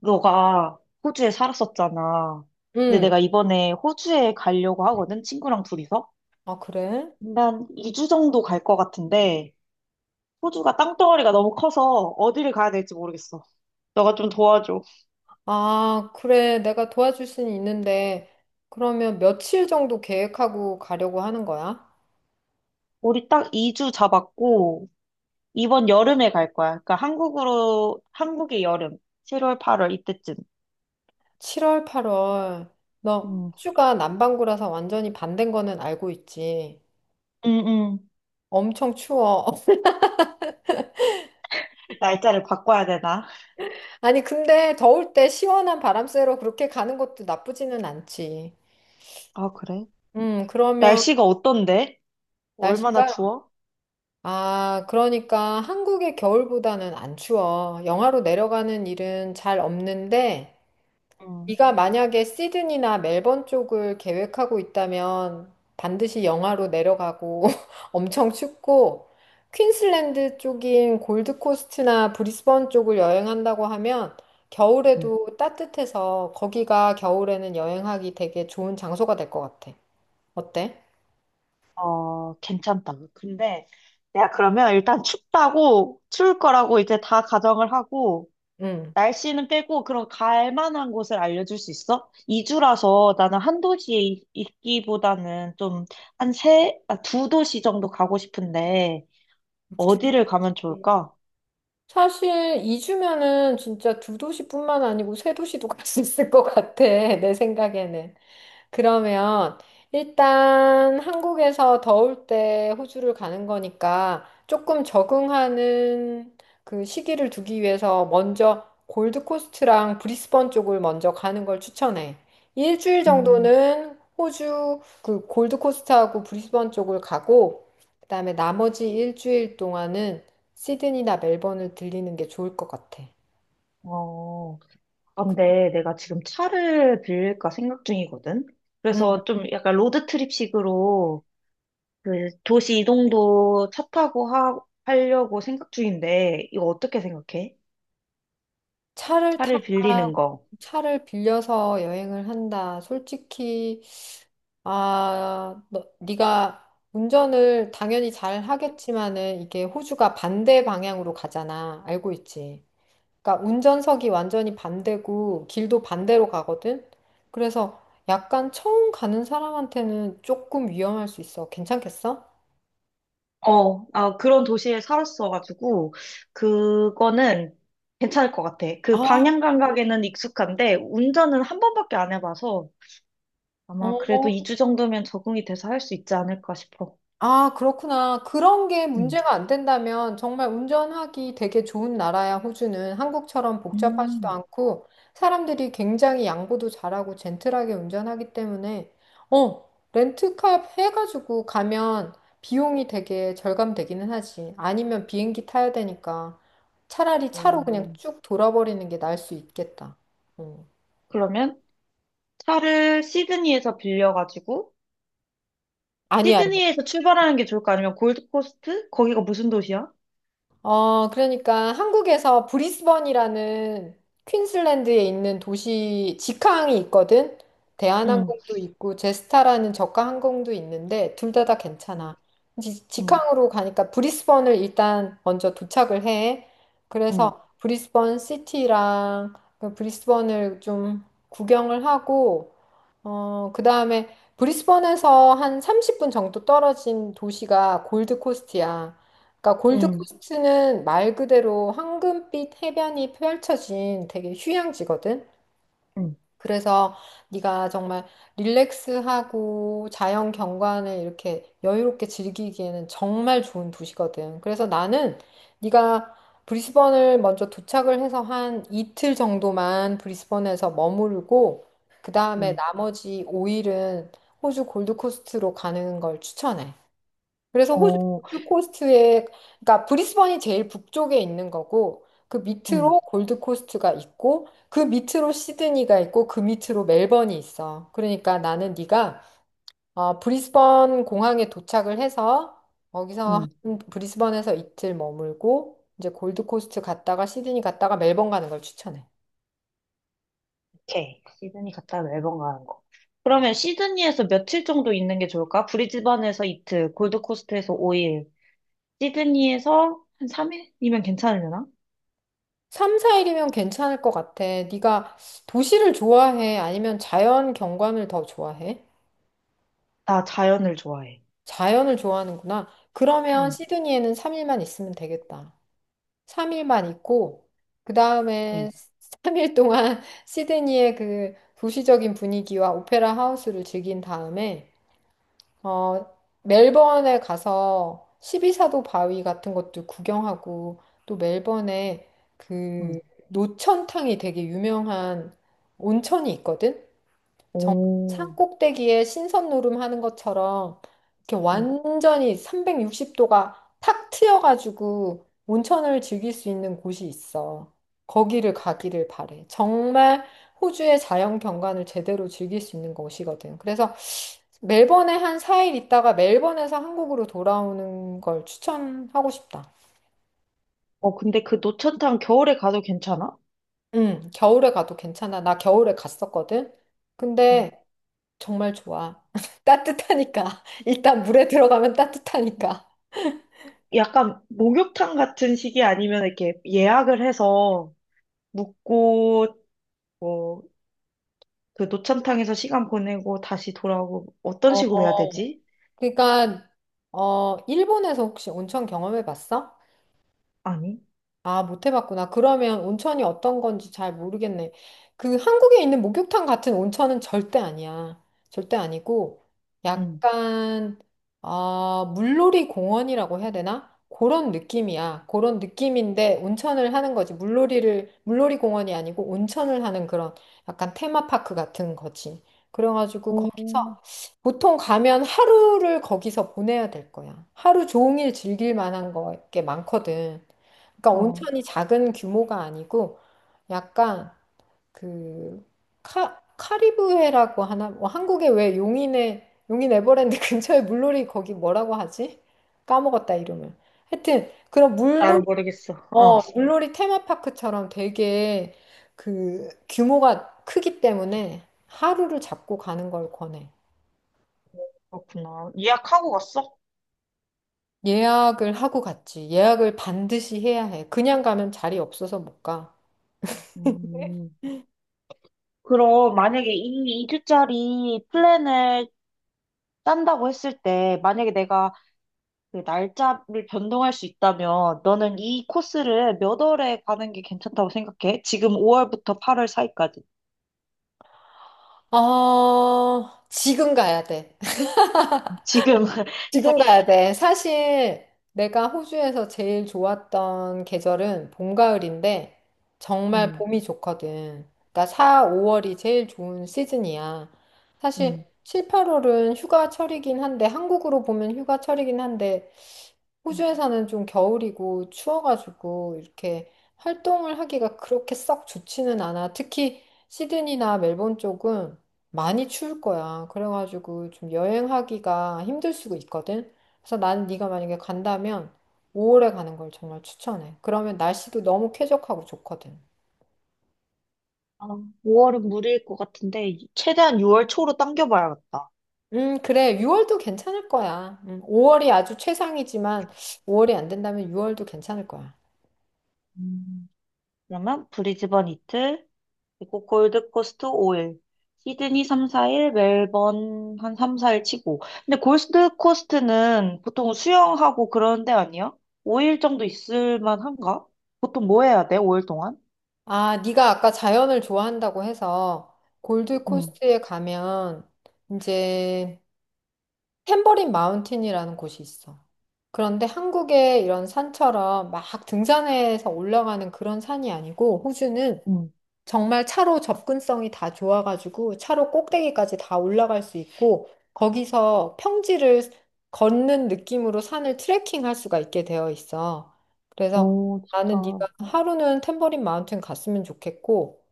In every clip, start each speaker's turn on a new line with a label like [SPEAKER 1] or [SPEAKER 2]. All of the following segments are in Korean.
[SPEAKER 1] 너가 호주에 살았었잖아. 근데
[SPEAKER 2] 응.
[SPEAKER 1] 내가 이번에 호주에 가려고 하거든, 친구랑 둘이서.
[SPEAKER 2] 아, 그래?
[SPEAKER 1] 난 2주 정도 갈 것 같은데, 호주가 땅덩어리가 너무 커서 어디를 가야 될지 모르겠어. 너가 좀 도와줘.
[SPEAKER 2] 아, 그래. 내가 도와줄 수는 있는데, 그러면 며칠 정도 계획하고 가려고 하는 거야?
[SPEAKER 1] 우리 딱 2주 잡았고, 이번 여름에 갈 거야. 그러니까 한국으로, 한국의 여름, 7월, 8월 이때쯤.
[SPEAKER 2] 7월, 8월. 너
[SPEAKER 1] 음,
[SPEAKER 2] 호주가 남반구라서 완전히 반댄 거는 알고 있지.
[SPEAKER 1] 음, 음.
[SPEAKER 2] 엄청 추워.
[SPEAKER 1] 날짜를 바꿔야 되나?
[SPEAKER 2] 아니, 근데 더울 때 시원한 바람 쐬러 그렇게 가는 것도 나쁘지는 않지.
[SPEAKER 1] 아, 그래?
[SPEAKER 2] 그러면
[SPEAKER 1] 날씨가 어떤데? 얼마나
[SPEAKER 2] 날씨가,
[SPEAKER 1] 추워?
[SPEAKER 2] 아, 그러니까 한국의 겨울보다는 안 추워. 영하로 내려가는 일은 잘 없는데,
[SPEAKER 1] 음.
[SPEAKER 2] 네가 만약에 시드니나 멜번 쪽을 계획하고 있다면 반드시 영하로 내려가고 엄청 춥고 퀸슬랜드 쪽인 골드코스트나 브리스번 쪽을 여행한다고 하면
[SPEAKER 1] 음.
[SPEAKER 2] 겨울에도 따뜻해서 거기가 겨울에는 여행하기 되게 좋은 장소가 될 것 같아. 어때?
[SPEAKER 1] 어, 괜찮다. 근데 내가 그러면 일단 춥다고, 추울 거라고 이제 다 가정을 하고,
[SPEAKER 2] 응.
[SPEAKER 1] 날씨는 빼고, 그럼 갈 만한 곳을 알려줄 수 있어? 2주라서 나는 한 도시에 있기보다는 좀, 한 세, 아, 두 도시 정도 가고 싶은데,
[SPEAKER 2] 두-
[SPEAKER 1] 어디를 가면 좋을까?
[SPEAKER 2] 사실 2주면은 진짜 두 도시뿐만 아니고 세 도시도 갈 수 있을 것 같아. 내 생각에는. 그러면 일단 한국에서 더울 때 호주를 가는 거니까 조금 적응하는 그 시기를 두기 위해서 먼저 골드코스트랑 브리스번 쪽을 먼저 가는 걸 추천해. 일주일
[SPEAKER 1] 음,
[SPEAKER 2] 정도는 호주 그 골드코스트하고 브리스번 쪽을 가고 그다음에 나머지 일주일 동안은 시드니나 멜번을 들리는 게 좋을 것 같아.
[SPEAKER 1] 어, 아, 근데 내가 지금 차를 빌릴까 생각 중이거든? 그래서 좀 약간 로드트립식으로 그 도시 이동도 차 타고 하려고 생각 중인데, 이거 어떻게 생각해?
[SPEAKER 2] 차를
[SPEAKER 1] 차를
[SPEAKER 2] 타거나
[SPEAKER 1] 빌리는 거.
[SPEAKER 2] 차를 빌려서 여행을 한다. 솔직히 아, 네가 운전을 당연히 잘 하겠지만은 이게 호주가 반대 방향으로 가잖아. 알고 있지? 그러니까 운전석이 완전히 반대고 길도 반대로 가거든. 그래서 약간 처음 가는 사람한테는 조금 위험할 수 있어. 괜찮겠어?
[SPEAKER 1] 어, 아, 그런 도시에 살았어가지고, 그거는 괜찮을 것 같아. 그
[SPEAKER 2] 아,
[SPEAKER 1] 방향
[SPEAKER 2] 그래?
[SPEAKER 1] 감각에는 익숙한데, 운전은 한 번밖에 안 해봐서, 아마 그래도 2주 정도면 적응이 돼서 할 수 있지 않을까 싶어.
[SPEAKER 2] 아, 그렇구나. 그런 게
[SPEAKER 1] 음.
[SPEAKER 2] 문제가 안 된다면 정말 운전하기 되게 좋은 나라야, 호주는. 한국처럼 복잡하지도
[SPEAKER 1] 음.
[SPEAKER 2] 않고 사람들이 굉장히 양보도 잘하고 젠틀하게 운전하기 때문에 어, 렌트카 해가지고 가면 비용이 되게 절감되기는 하지. 아니면 비행기 타야 되니까 차라리 차로 그냥
[SPEAKER 1] 음,
[SPEAKER 2] 쭉 돌아버리는 게 나을 수 있겠다. 어.
[SPEAKER 1] 그러면 차를 시드니에서 빌려가지고,
[SPEAKER 2] 아니, 아니.
[SPEAKER 1] 시드니에서 출발하는 게 좋을까? 아니면 골드코스트? 거기가 무슨 도시야?
[SPEAKER 2] 그러니까 한국에서 브리스번이라는 퀸슬랜드에 있는 도시 직항이 있거든.
[SPEAKER 1] 응,
[SPEAKER 2] 대한항공도 있고 제스타라는 저가 항공도 있는데 둘 다 다
[SPEAKER 1] 응
[SPEAKER 2] 괜찮아.
[SPEAKER 1] 응,
[SPEAKER 2] 직항으로 가니까 브리스번을 일단 먼저 도착을 해.
[SPEAKER 1] 응,
[SPEAKER 2] 그래서 브리스번 시티랑 그 브리스번을 좀 구경을 하고 그다음에 브리스번에서 한 30분 정도 떨어진 도시가 골드코스트야. 그러니까
[SPEAKER 1] 응,
[SPEAKER 2] 골드코스트는 말 그대로 황금빛 해변이 펼쳐진 되게 휴양지거든.
[SPEAKER 1] 응,
[SPEAKER 2] 그래서 네가 정말 릴렉스하고 자연 경관을 이렇게 여유롭게 즐기기에는 정말 좋은 도시거든. 그래서 나는 네가 브리스번을 먼저 도착을 해서 한 이틀 정도만 브리스번에서 머무르고 그 다음에
[SPEAKER 1] 음.
[SPEAKER 2] 나머지 5일은 호주 골드코스트로 가는 걸 추천해. 그래서 호주
[SPEAKER 1] 어,
[SPEAKER 2] 골드코스트에, 그러니까 브리스번이 제일 북쪽에 있는 거고, 그
[SPEAKER 1] 응,
[SPEAKER 2] 밑으로 골드코스트가 있고, 그 밑으로 시드니가 있고, 그 밑으로 멜번이 있어. 그러니까 나는 네가 브리스번 공항에 도착을 해서 거기서
[SPEAKER 1] 응.
[SPEAKER 2] 브리스번에서 이틀 머물고, 이제 골드코스트 갔다가 시드니 갔다가 멜번 가는 걸 추천해.
[SPEAKER 1] 오케이. 시드니 갔다 멜번 가는 거. 그러면 시드니에서 며칠 정도 있는 게 좋을까? 브리즈번에서 이틀, 골드코스트에서 5일, 시드니에서 한 3일이면 괜찮으려나?
[SPEAKER 2] 3, 4일이면 괜찮을 것 같아. 네가 도시를 좋아해? 아니면 자연 경관을 더 좋아해?
[SPEAKER 1] 나 자연을 좋아해.
[SPEAKER 2] 자연을 좋아하는구나. 그러면
[SPEAKER 1] 응,
[SPEAKER 2] 시드니에는 3일만 있으면 되겠다. 3일만 있고, 그
[SPEAKER 1] 응,
[SPEAKER 2] 다음에 3일 동안 시드니의 그 도시적인 분위기와 오페라 하우스를 즐긴 다음에, 어, 멜번에 가서 십이사도 바위 같은 것도 구경하고, 또 멜번에
[SPEAKER 1] 응,
[SPEAKER 2] 그 노천탕이 되게 유명한 온천이 있거든? 정-
[SPEAKER 1] 오.
[SPEAKER 2] 산 꼭대기에 신선 노름하는 것처럼 이렇게
[SPEAKER 1] 응,
[SPEAKER 2] 완전히 360도가 탁 트여가지고 온천을 즐길 수 있는 곳이 있어. 거기를 가기를 바래. 정말 호주의 자연 경관을 제대로 즐길 수 있는 곳이거든. 그래서 멜번에 한 4일 있다가 멜번에서 한국으로 돌아오는 걸 추천하고 싶다.
[SPEAKER 1] 어, 근데 그 노천탕 겨울에 가도 괜찮아?
[SPEAKER 2] 응, 겨울에 가도 괜찮아. 나 겨울에 갔었거든.
[SPEAKER 1] 응.
[SPEAKER 2] 근데 정말 좋아. 따뜻하니까. 일단 물에 들어가면 따뜻하니까.
[SPEAKER 1] 약간 목욕탕 같은 시기 아니면 이렇게 예약을 해서 묵고 뭐 그 노천탕에서 시간 보내고 다시 돌아오고 어떤
[SPEAKER 2] 어.
[SPEAKER 1] 식으로 해야 되지?
[SPEAKER 2] 그러니까 일본에서 혹시 온천 경험해 봤어?
[SPEAKER 1] 아니,
[SPEAKER 2] 아, 못 해봤구나. 그러면 온천이 어떤 건지 잘 모르겠네. 그 한국에 있는 목욕탕 같은 온천은 절대 아니야. 절대 아니고,
[SPEAKER 1] 응,
[SPEAKER 2] 약간, 아, 물놀이 공원이라고 해야 되나? 그런 느낌이야. 그런 느낌인데 온천을 하는 거지. 물놀이 공원이 아니고 온천을 하는 그런 약간 테마파크 같은 거지. 그래가지고
[SPEAKER 1] 오,
[SPEAKER 2] 거기서 보통 가면 하루를 거기서 보내야 될 거야. 하루 종일 즐길 만한 거게 많거든. 그러니까
[SPEAKER 1] 어,
[SPEAKER 2] 온천이 작은 규모가 아니고 약간 그 카리브해라고 하나 뭐 한국에 왜 용인에 용인 에버랜드 근처에 물놀이 거기 뭐라고 하지? 까먹었다 이름을. 하여튼 그런
[SPEAKER 1] 나를
[SPEAKER 2] 물놀이
[SPEAKER 1] 모르겠어. 어,
[SPEAKER 2] 물놀이 테마파크처럼 되게 그 규모가 크기 때문에 하루를 잡고 가는 걸 권해.
[SPEAKER 1] 그렇구나. 예약하고 갔어?
[SPEAKER 2] 예약을 하고 갔지. 예약을 반드시 해야 해. 그냥 가면 자리 없어서 못 가.
[SPEAKER 1] 음. 그럼 만약에 이 2주짜리 플랜을 짠다고 했을 때, 만약에 내가 그 날짜를 변동할 수 있다면, 너는 이 코스를 몇 월에 가는 게 괜찮다고 생각해? 지금 5월부터 8월 사이까지.
[SPEAKER 2] 아, 지금 가야 돼.
[SPEAKER 1] 지금.
[SPEAKER 2] 지금 가야 돼. 사실 내가 호주에서 제일 좋았던 계절은 봄, 가을인데 정말
[SPEAKER 1] 음,
[SPEAKER 2] 봄이 좋거든. 그러니까 4, 5월이 제일 좋은 시즌이야. 사실
[SPEAKER 1] 음.
[SPEAKER 2] 7, 8월은 휴가철이긴 한데 한국으로 보면 휴가철이긴 한데 호주에서는 좀 겨울이고 추워가지고 이렇게 활동을 하기가 그렇게 썩 좋지는 않아. 특히 시드니나 멜번 쪽은 많이 추울 거야. 그래가지고 좀 여행하기가 힘들 수도 있거든. 그래서 난 네가 만약에 간다면 5월에 가는 걸 정말 추천해. 그러면 날씨도 너무 쾌적하고 좋거든.
[SPEAKER 1] 아, 5월은 무리일 것 같은데, 최대한 6월 초로 당겨봐야겠다.
[SPEAKER 2] 그래. 6월도 괜찮을 거야. 5월이 아주 최상이지만 5월이 안 된다면 6월도 괜찮을 거야.
[SPEAKER 1] 음, 그러면 브리즈번 이틀, 그리고 골드코스트 5일, 시드니 3, 4일, 멜번 한 3, 4일 치고. 근데 골드코스트는 보통 수영하고 그런 데 아니야? 5일 정도 있을 만한가? 보통 뭐 해야 돼, 5일 동안?
[SPEAKER 2] 아, 네가 아까 자연을 좋아한다고 해서
[SPEAKER 1] 응,
[SPEAKER 2] 골드코스트에 가면 이제 탬버린 마운틴이라는 곳이 있어. 그런데 한국의 이런 산처럼 막 등산해서 올라가는 그런 산이 아니고 호주는
[SPEAKER 1] 응.
[SPEAKER 2] 정말 차로 접근성이 다 좋아가지고 차로 꼭대기까지 다 올라갈 수 있고 거기서 평지를 걷는 느낌으로 산을 트레킹할 수가 있게 되어 있어. 그래서
[SPEAKER 1] 오,
[SPEAKER 2] 나는 네가
[SPEAKER 1] 좋다.
[SPEAKER 2] 하루는 탬버린 마운틴 갔으면 좋겠고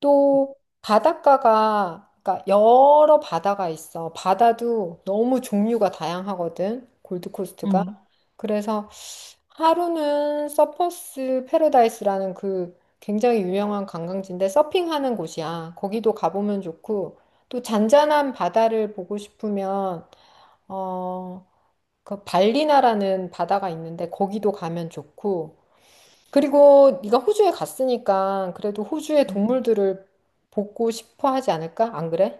[SPEAKER 2] 또 바닷가가 그러니까 여러 바다가 있어. 바다도 너무 종류가 다양하거든. 골드코스트가.
[SPEAKER 1] 응.
[SPEAKER 2] 그래서 하루는 서퍼스 패러다이스라는 그 굉장히 유명한 관광지인데 서핑하는 곳이야. 거기도 가보면 좋고 또 잔잔한 바다를 보고 싶으면 어, 그 발리나라는 바다가 있는데 거기도 가면 좋고 그리고 네가 호주에 갔으니까 그래도 호주의
[SPEAKER 1] 응.
[SPEAKER 2] 동물들을 보고 싶어 하지 않을까? 안 그래?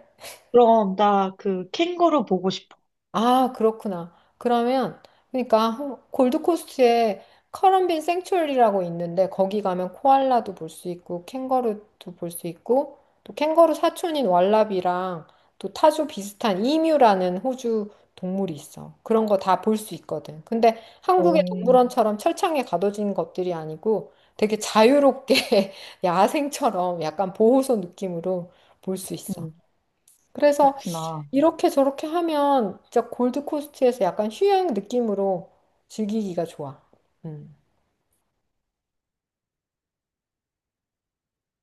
[SPEAKER 1] 그럼 나 그 캥거루 보고 싶어.
[SPEAKER 2] 아, 그렇구나. 그러면, 그러니까, 골드코스트에 커럼빈 생츄어리라고 있는데, 거기 가면 코알라도 볼 수 있고, 캥거루도 볼 수 있고, 또 캥거루 사촌인 왈라비랑, 또 타조 비슷한 이뮤라는 호주 동물이 있어. 그런 거 다 볼 수 있거든. 근데 한국의
[SPEAKER 1] 오,
[SPEAKER 2] 동물원처럼 철창에 가둬진 것들이 아니고, 되게 자유롭게 야생처럼 약간 보호소 느낌으로 볼 수 있어.
[SPEAKER 1] 응,
[SPEAKER 2] 그래서
[SPEAKER 1] 그렇구나.
[SPEAKER 2] 이렇게 저렇게 하면 진짜 골드코스트에서 약간 휴양 느낌으로 즐기기가 좋아. 음.